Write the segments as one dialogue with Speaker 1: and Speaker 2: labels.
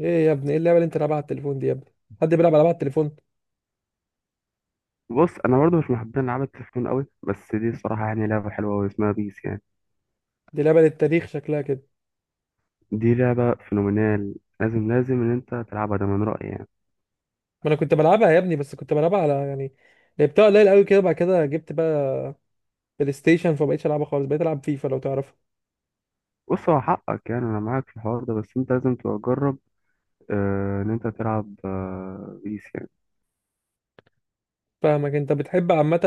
Speaker 1: ايه يا ابني؟ ايه اللعبه اللي انت لعبها على التليفون دي يا ابني؟ حد بيلعب العاب على التليفون؟
Speaker 2: بص انا برضه مش من محبين العاب التليفون قوي، بس دي الصراحه يعني لعبه حلوه قوي، اسمها بيس يعني.
Speaker 1: دي لعبه للتاريخ شكلها كده.
Speaker 2: دي لعبه فينومينال. لازم ان انت تلعبها، ده من رايي يعني.
Speaker 1: ما انا كنت بلعبها يا ابني، بس كنت بلعبها على، يعني لعبتها قليل قوي كده، بعد كده جبت بقى بلاي ستيشن، فما بقتش العبها خالص، بقيت العب فيفا لو تعرفها.
Speaker 2: بص هو حقك، يعني انا معاك في الحوار ده، بس انت لازم تبقى تجرب ان انت تلعب بيس يعني.
Speaker 1: فاهمك، انت بتحب عامه.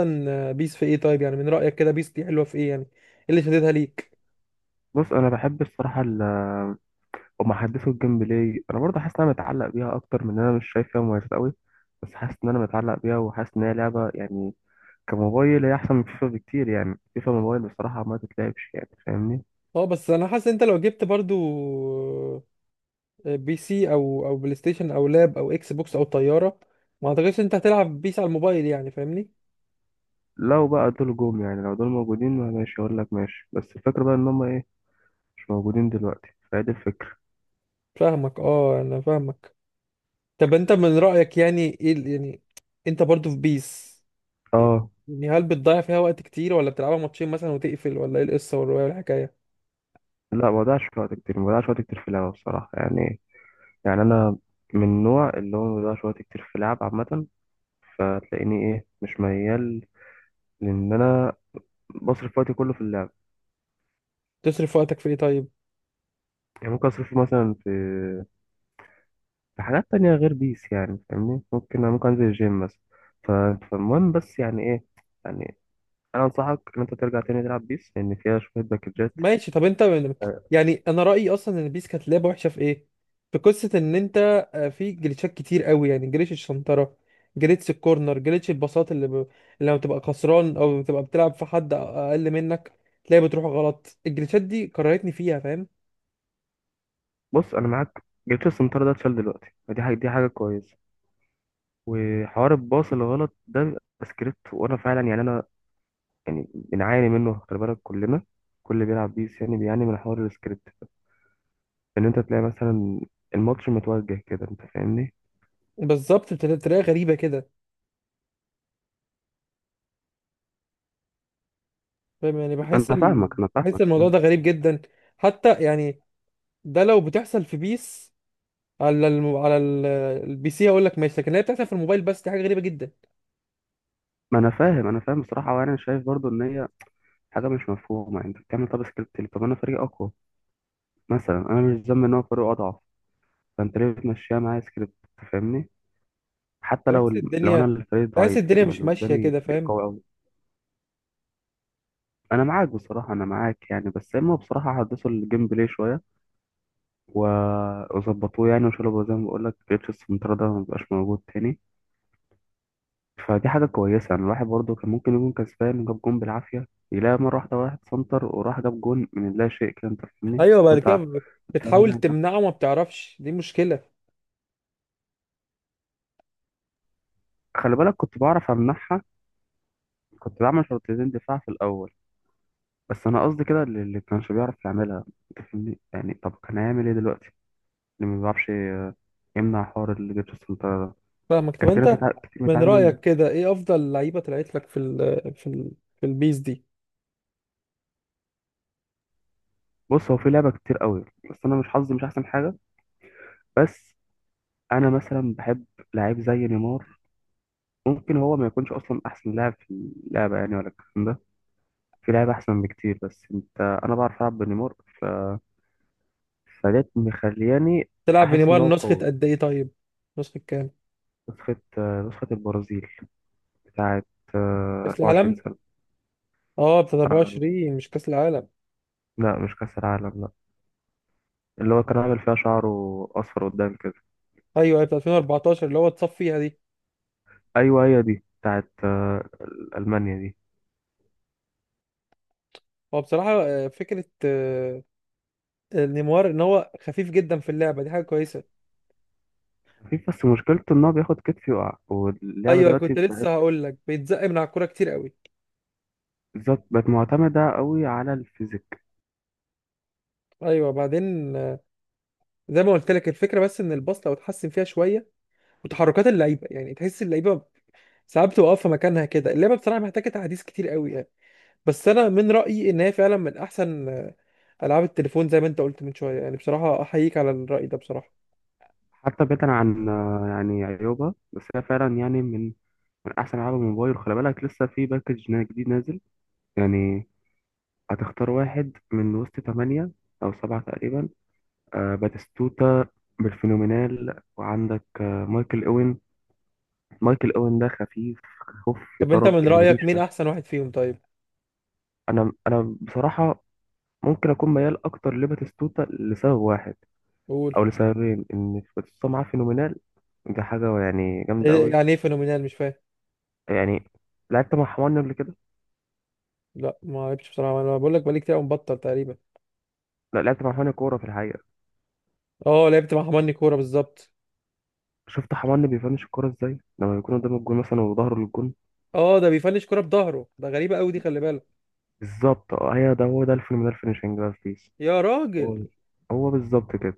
Speaker 1: بيس في ايه طيب؟ يعني من رايك كده بيس دي حلوه في ايه؟ يعني ايه اللي شددها ليك؟
Speaker 2: بص انا بحب الصراحه هما حدثوا الجيم بلاي، انا برضه حاسس ان انا متعلق بيها اكتر من ان انا مش شايف فيها مميزات قوي، بس حاسس ان انا متعلق بيها، وحاسس ان هي لعبه يعني كموبايل هي احسن من فيفا بكتير. يعني فيفا موبايل بصراحه ما تتلعبش، يعني فاهمني.
Speaker 1: اه بس انا حاسس انت لو جبت برضو بي سي او بلاي ستيشن او لاب او اكس بوكس او طياره، ما اعتقدش انت هتلعب بيس على الموبايل، يعني فاهمني.
Speaker 2: لو بقى دول جم، يعني لو دول موجودين، ما ماشي اقول لك ماشي، بس الفكرة بقى ان هم ايه، مش موجودين دلوقتي، فهي دي الفكرة.
Speaker 1: فاهمك، اه انا فاهمك. طب انت من رأيك، يعني ايه يعني انت برضو في بيس؟
Speaker 2: اه،
Speaker 1: يعني هل بتضيع فيها وقت كتير، ولا بتلعبها ماتشين مثلا وتقفل، ولا ايه القصة والرواية والحكاية؟
Speaker 2: لا ما بضيعش وقت كتير، ما بضيعش وقت كتير في اللعبة بصراحة يعني. يعني انا من النوع اللي هو ما بضيعش وقت كتير في اللعب عامة، فتلاقيني ايه، مش ميال، لان انا بصرف وقتي كله في اللعب.
Speaker 1: تصرف وقتك في ايه طيب؟
Speaker 2: يعني ممكن اصرفه مثلا في في حاجات تانية غير بيس، يعني فاهمني. ممكن انزل الجيم مثلا، ف- فالمهم بس يعني ايه، يعني انا انصحك ان انت ترجع تاني تلعب بيس، لان فيها شوية باكجات.
Speaker 1: ماشي، طب انت من.
Speaker 2: آه،
Speaker 1: يعني انا رأيي اصلا ان بيس كانت لعبة وحشة في ايه، في قصة ان انت، في جليتشات كتير قوي. يعني جليتش الشنطرة، جليتش الكورنر، جليتش الباصات اللي لما بتبقى خسران او بتبقى بتلعب في حد اقل منك، تلاقي بتروح غلط. الجليتشات دي كرهتني فيها، فاهم؟
Speaker 2: بص انا معاك، جبت السنتر ده اتشال دلوقتي، فدي حاجه، دي حاجه كويسه. وحوار الباص الغلط ده بيبقى سكريبت، وانا فعلا يعني انا يعني بنعاني منه، خلي بالك كلنا، كل اللي بيلعب بيس يعني بيعاني من حوار السكريبت. ان انت تلاقي مثلا الماتش متوجه كده، انت فاهمني.
Speaker 1: بالظبط، بتلاقي غريبة كده، فاهم؟ يعني
Speaker 2: انا فاهمك انا
Speaker 1: بحس
Speaker 2: فاهمك
Speaker 1: الموضوع
Speaker 2: يعني.
Speaker 1: ده غريب جدا. حتى يعني، ده لو بتحصل في بيس على الم... على ال... البي سي، هقول لك ماشي، لكن هي بتحصل في الموبايل، بس دي حاجه غريبه جدا.
Speaker 2: ما انا فاهم انا فاهم بصراحه، وانا شايف برضو ان هي حاجه مش مفهومه. يعني انت بتعمل طب سكريبت ليه؟ طب انا فريق اقوى مثلا، انا مش ذنبي ان هو فريق اضعف. فانت ليه بتمشيها معايا سكريبت؟ أنت فاهمني. حتى لو
Speaker 1: بحس
Speaker 2: لو انا
Speaker 1: الدنيا
Speaker 2: الفريق
Speaker 1: بحس
Speaker 2: ضعيف
Speaker 1: الدنيا
Speaker 2: يعني،
Speaker 1: مش
Speaker 2: واللي
Speaker 1: ماشيه
Speaker 2: قدامي
Speaker 1: كده،
Speaker 2: فريق
Speaker 1: فاهم؟
Speaker 2: قوي قوي. انا معاك بصراحه، انا معاك يعني، بس اما بصراحه احدثوا الجيم بلاي شويه وظبطوه يعني، وشالوا زي ما بقول لك جيتش السنتر ده، ما بقاش موجود تاني، فدي حاجه كويسه. يعني الواحد برضه كان ممكن يكون كسبان، جاب جون بالعافيه، يلاقي مره واحده واحد سنتر وراح جاب جون من لا شيء كده، انت فاهمني.
Speaker 1: ايوه، بعد كده
Speaker 2: انت
Speaker 1: بتحاول
Speaker 2: بتعملها انت.
Speaker 1: تمنعه، ما بتعرفش، دي مشكله.
Speaker 2: خلي بالك كنت بعرف امنعها، كنت بعمل شوطتين دفاع في الاول، بس انا قصدي كده اللي كانش بيعرف يعملها، انت فاهمني. يعني طب كان هيعمل ايه دلوقتي اللي ما بيعرفش يمنع حوار الجيتش السنتر ده؟
Speaker 1: فاهمك، طب
Speaker 2: كان في ناس
Speaker 1: انت
Speaker 2: كتير
Speaker 1: من
Speaker 2: بتعاني منه.
Speaker 1: رايك كده، ايه افضل لعيبه طلعت لك في في البيس دي؟
Speaker 2: بص هو في لعبة كتير قوي، بس أنا مش حظي مش أحسن حاجة. بس أنا مثلا بحب لعيب زي نيمار. ممكن هو ما يكونش أصلا أحسن لاعب في اللعبة يعني، ولا الكلام ده. في لعيبة أحسن بكتير، بس أنت، أنا بعرف ألعب بنيمار، ف... فديت مخلياني
Speaker 1: تلعب
Speaker 2: أحس إن
Speaker 1: بنيمار
Speaker 2: هو
Speaker 1: نسخه
Speaker 2: قوي.
Speaker 1: قد ايه طيب؟ نسخه كام؟
Speaker 2: نسخة نسخة البرازيل، بتاعة
Speaker 1: كاس
Speaker 2: 24
Speaker 1: العالم؟
Speaker 2: سنة.
Speaker 1: اه، بتاعت
Speaker 2: آه،
Speaker 1: 24، مش كاس العالم.
Speaker 2: لا مش كأس العالم، لا. اللي هو كان عامل فيها شعره أصفر قدام كده.
Speaker 1: ايوه، في 2014 اللي هو اتصف فيها دي.
Speaker 2: ايوه هي دي بتاعت المانيا دي.
Speaker 1: هو بصراحه، فكره، نيمار ان هو خفيف جدا في اللعبه، دي حاجه كويسه.
Speaker 2: في بس مشكلته ان هو بياخد كتف يقع، واللعبه
Speaker 1: ايوه،
Speaker 2: دلوقتي
Speaker 1: كنت لسه
Speaker 2: بقت
Speaker 1: هقول لك، بيتزق من على الكوره كتير قوي.
Speaker 2: بالظبط، بقت معتمده قوي على الفيزيك.
Speaker 1: ايوه، بعدين، زي ما قلت لك الفكره، بس ان الباص لو اتحسن فيها شويه وتحركات اللعيبه، يعني تحس اللعيبه ساعات بتبقى واقفه مكانها كده، اللعبه بصراحه محتاجه تعديل كتير قوي يعني. بس انا من رايي ان هي فعلا من احسن، العاب التليفون، زي ما انت قلت من شويه، يعني بصراحه احييك على الراي ده بصراحه.
Speaker 2: حتى بعيدا عن يعني عيوبها، بس هي فعلا يعني من من احسن العاب الموبايل. خلي بالك لسه في باكج جديد نازل يعني، هتختار واحد من وسط ثمانية او سبعة تقريبا. باتيستوتا بالفينومينال، وعندك مايكل اوين. مايكل اوين ده خفيف، خف في
Speaker 1: طب انت
Speaker 2: درج
Speaker 1: من
Speaker 2: يعني
Speaker 1: رايك مين
Speaker 2: ريشه.
Speaker 1: احسن واحد فيهم طيب؟
Speaker 2: انا بصراحه ممكن اكون ميال اكتر لباتيستوتا لسبب واحد،
Speaker 1: قول.
Speaker 2: او لسببين، ان باتيستوتا معاه فينومينال، دي حاجه يعني
Speaker 1: إيه-
Speaker 2: جامده قوي.
Speaker 1: يعني ايه فينومينال؟ مش فاهم.
Speaker 2: يعني لعبت مع حماني قبل كده،
Speaker 1: لا، ما لعبتش بصراحه، انا بقول لك بقالي كتير قوي مبطل تقريبا.
Speaker 2: لا لعبت مع حماني كوره في الحقيقه.
Speaker 1: اه، لعبت مع حماني كوره بالظبط.
Speaker 2: شفت حماني بيفنش الكوره ازاي لما يكون قدام الجون مثلا وظهره للجون؟
Speaker 1: اه، ده بيفنش كوره بظهره؟ ده غريبه قوي دي، خلي بالك.
Speaker 2: بالظبط، اه هي ده، هو ده الفينومينال فينيشنج بقى في بيس.
Speaker 1: يا
Speaker 2: هو
Speaker 1: راجل،
Speaker 2: هو بالظبط كده.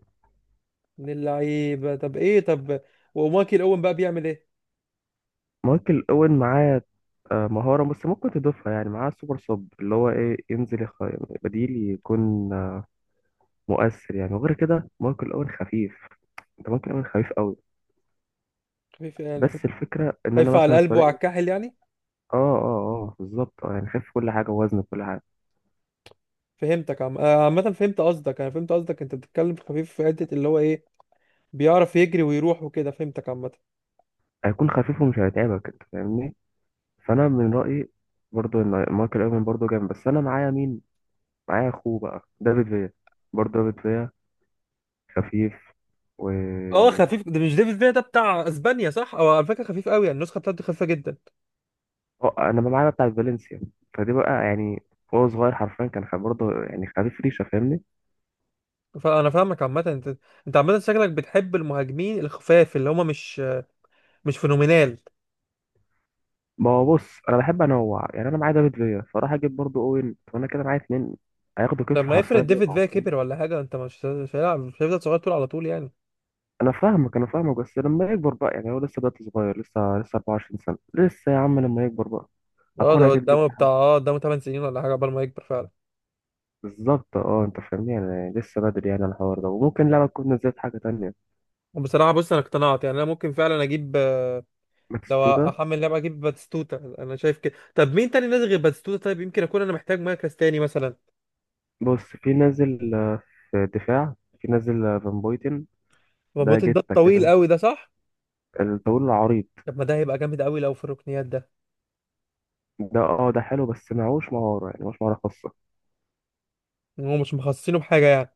Speaker 1: من اللعيبه؟ طب ايه؟ طب ومايكل اوين بقى بيعمل ايه؟
Speaker 2: مايكل اوين معاه مهارة بس ممكن تضيفها، يعني معاه سوبر سب، اللي هو ايه، ينزل بديل، يكون مؤثر يعني. وغير كده ماركو الاول خفيف، انت ممكن الاول خفيف قوي.
Speaker 1: خفيف، يعني
Speaker 2: بس
Speaker 1: خفيف.
Speaker 2: الفكره ان انا
Speaker 1: خفيف على
Speaker 2: مثلا في
Speaker 1: القلب وعلى
Speaker 2: فريق.
Speaker 1: الكاحل يعني.
Speaker 2: اه اه اه بالظبط، اه يعني خفيف في كل حاجه، ووزن في كل حاجه.
Speaker 1: فهمتك، عم آه، عامه، فهمت قصدك، انا فهمت قصدك، انت بتتكلم في خفيف في حته اللي هو ايه، بيعرف يجري ويروح وكده، فهمتك عامه.
Speaker 2: هيكون خفيف ومش هيتعبك، انت فاهمني. فانا من رايي برضو ان مايكل اوين برضو جامد، بس انا معايا مين، معايا اخوه بقى دافيد فيا. برضو دافيد فيا خفيف و
Speaker 1: اه، خفيف، ده مش ديفيد فيا ده بتاع اسبانيا؟ صح، او على فكره خفيف قوي، يعني النسخه بتاعته خفيفه جدا.
Speaker 2: اه انا معايا بتاع فالنسيا، فدي بقى يعني، هو صغير حرفيا كان برضه يعني خفيف ريشه، فاهمني؟
Speaker 1: فانا فاهمك عامه، انت عامه شكلك بتحب المهاجمين الخفاف، اللي هم مش، مش فينومينال.
Speaker 2: ما هو بص انا بحب انوع، يعني انا معايا دافيد فيا، فراح اجيب برضو اوين، وانا كده معايا اتنين هياخدوا كتف
Speaker 1: لما يفرض
Speaker 2: حرفيا
Speaker 1: ديفيد
Speaker 2: يقعوا،
Speaker 1: فيا
Speaker 2: فاهم؟
Speaker 1: كبر ولا حاجه، انت مش هيلعب، مش هيفضل صغير طول على طول يعني.
Speaker 2: انا فاهمك انا فاهمك، بس لما يكبر بقى يعني، هو لسه دلوقتي صغير، لسه 24 سنه، لسه يا عم لما يكبر بقى
Speaker 1: اه،
Speaker 2: اكون
Speaker 1: ده
Speaker 2: اكيد
Speaker 1: قدامه
Speaker 2: جبت
Speaker 1: بتاع
Speaker 2: حاجه.
Speaker 1: اه قدامه 8 سنين ولا حاجه قبل ما يكبر فعلا.
Speaker 2: بالظبط اه، انت فاهمني يعني لسه بدري يعني على الحوار ده، وممكن لعبه تكون نزلت حاجه تانية.
Speaker 1: بصراحه بص، انا اقتنعت يعني، انا ممكن فعلا اجيب. لو
Speaker 2: باتيستوتا.
Speaker 1: احمل لعبه، اجيب باتستوتا، انا شايف كده. طب مين تاني نازل غير باتستوتا طيب؟ يمكن اكون انا محتاج مركز تاني مثلا.
Speaker 2: بص في نازل في الدفاع، في نازل فان بويتن. ده
Speaker 1: مربوط، ده
Speaker 2: جته
Speaker 1: الطويل
Speaker 2: كده
Speaker 1: قوي ده، صح؟
Speaker 2: الطويل العريض.
Speaker 1: طب ما ده هيبقى جامد قوي لو في الركنيات ده.
Speaker 2: ده اه ده حلو، بس معهوش مهاره، يعني معهوش مهاره خاصه.
Speaker 1: هو مش مخصصينه بحاجه يعني.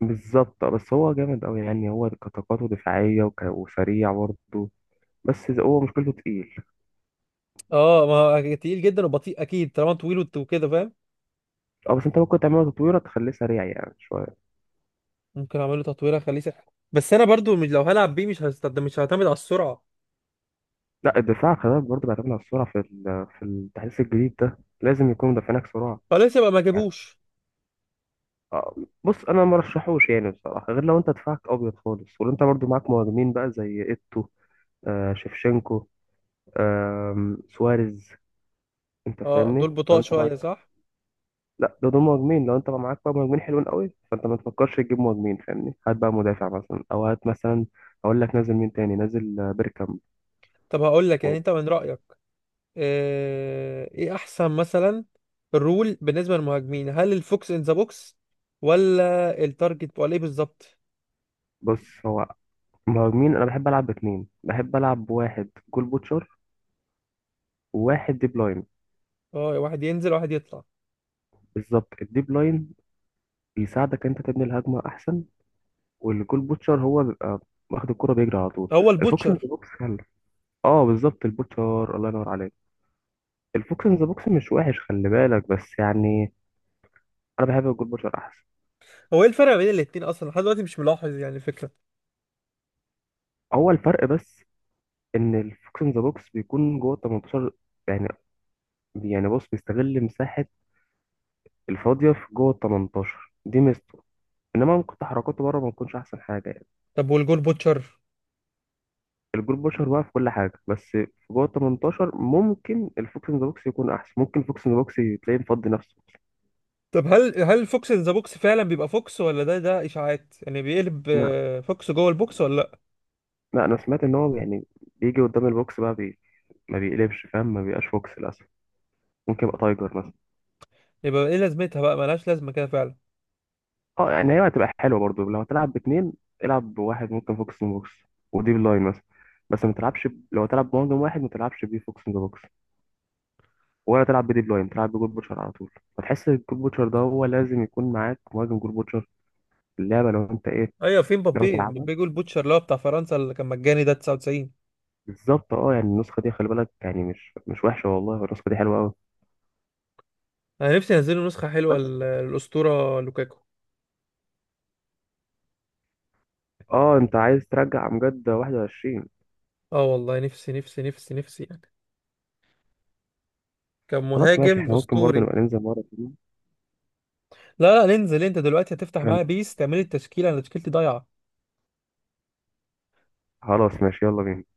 Speaker 2: بالظبط بس هو جامد قوي، يعني هو كطاقته دفاعية وسريع برضه، بس إذا هو مشكلته تقيل.
Speaker 1: اه، ما هو تقيل جدا وبطيء اكيد طالما طويل وكده، فاهم؟
Speaker 2: اه بس انت ممكن تعمله تطويرة تخليه سريع يعني شوية.
Speaker 1: ممكن اعمل له تطويره، اخليه سحر، بس انا برضو مش، لو هلعب بيه مش هستخدم، مش هعتمد على السرعه.
Speaker 2: لا الدفاع خلي بالك برضه بيعتمد على السرعة في في التحديث الجديد ده، لازم يكون مدافعينك سرعة
Speaker 1: خلاص يبقى ما
Speaker 2: يعني.
Speaker 1: جابوش.
Speaker 2: اه بص انا ما رشحوش يعني بصراحة، غير لو انت دفاعك ابيض خالص، ولو انت برضه معاك مهاجمين بقى زي ايتو، شيفشенко، سواريز. انت
Speaker 1: اه،
Speaker 2: فاهمني
Speaker 1: دول
Speaker 2: لو
Speaker 1: بطاء
Speaker 2: انت
Speaker 1: شويه
Speaker 2: معاك،
Speaker 1: صح.
Speaker 2: لا ده دول مهاجمين. لو انت بقى معاك بقى مهاجمين حلوين قوي، فانت ما تفكرش تجيب مهاجمين، فاهمني؟ هات بقى مدافع مثلا، او هات مثلا، اقول لك نازل مين تاني، نازل بيركامب
Speaker 1: طب هقول لك، يعني
Speaker 2: و-
Speaker 1: انت من رايك، ايه احسن مثلا الرول بالنسبه للمهاجمين؟ هل الفوكس ان ذا بوكس، ولا التارجت، ولا ايه بالظبط؟
Speaker 2: بص هو مهاجمين، انا بحب العب باتنين، بحب العب بواحد جول بوتشر وواحد ديب لاين.
Speaker 1: اه، واحد ينزل واحد يطلع.
Speaker 2: بالظبط، الديب لاين بيساعدك انت تبني الهجمه احسن، والجول بوتشر هو بيبقى واخد الكرة بيجري على طول.
Speaker 1: هو
Speaker 2: الفوكس ان ذا
Speaker 1: البوتشر؟
Speaker 2: بوكس حلو، اه بالظبط البوتشر، الله ينور عليك. الفوكس ان ذا بوكس مش وحش خلي بالك، بس يعني انا بحب الجول بوتشر احسن.
Speaker 1: هو ايه الفرق بين الاتنين اصلا؟ لحد دلوقتي مش ملاحظ يعني الفكره.
Speaker 2: هو الفرق بس ان الفوكس ان ذا بوكس بيكون جوه ال 18 يعني. يعني بص بيستغل مساحه الفاضيه في جوه ال 18، دي ميزته. انما ممكن تحركاته بره ما تكونش احسن حاجه يعني.
Speaker 1: طب والجول بوتشر؟
Speaker 2: الجول بوشر بقى في كل حاجه، بس في جوه ال 18 ممكن الفوكس ان ذا بوكس يكون احسن، ممكن الفوكس ان ذا بوكس تلاقيه مفضي نفسه.
Speaker 1: طب هل فوكس ذا بوكس فعلا بيبقى فوكس، ولا ده اشاعات؟ يعني بيقلب،
Speaker 2: لا
Speaker 1: فوكس جوه البوكس، ولا لا؟
Speaker 2: لا انا سمعت ان هو يعني بيجي قدام البوكس بقى ما بيقلبش، فاهم؟ ما بيبقاش فوكس للاسف، ممكن يبقى تايجر مثلا.
Speaker 1: يبقى ايه لازمتها بقى، ملهاش لازمه كده فعلا.
Speaker 2: اه يعني هي هتبقى حلوه برضو لو هتلعب باتنين. العب بواحد ممكن فوكس ان بوكس وديب لاين مثلا، بس ما تلعبش لو تلعب بمهاجم واحد ما تلعبش بيه فوكس ان بوكس، ولا تلعب بديب لاين، تلعب بجول بوتشر على طول. فتحس الجول بوتشر ده، هو لازم يكون معاك مهاجم جول بوتشر في اللعبه لو انت ايه،
Speaker 1: ايوه، فين
Speaker 2: لو
Speaker 1: مبابي؟
Speaker 2: تلعبها.
Speaker 1: مبابي جول بوتشر اللي هو بتاع فرنسا، اللي كان مجاني ده 99.
Speaker 2: بالظبط اه، يعني النسخه دي خلي بالك، يعني مش مش وحشه والله، النسخه دي حلوه قوي.
Speaker 1: انا نفسي ينزلوا نسخه حلوه
Speaker 2: بس
Speaker 1: للاسطوره لوكاكو.
Speaker 2: اه انت عايز ترجع امجد 21.
Speaker 1: اه والله، نفسي نفسي نفسي نفسي يعني، كان
Speaker 2: خلاص ماشي،
Speaker 1: مهاجم
Speaker 2: احنا ممكن برضه
Speaker 1: اسطوري.
Speaker 2: نبقى ننزل مره.
Speaker 1: لا لا، ننزل، انت دلوقتي هتفتح
Speaker 2: هن-
Speaker 1: معايا بيس، تعمل التشكيله، انا تشكيلتي ضايعه.
Speaker 2: خلاص ماشي يلا بينا.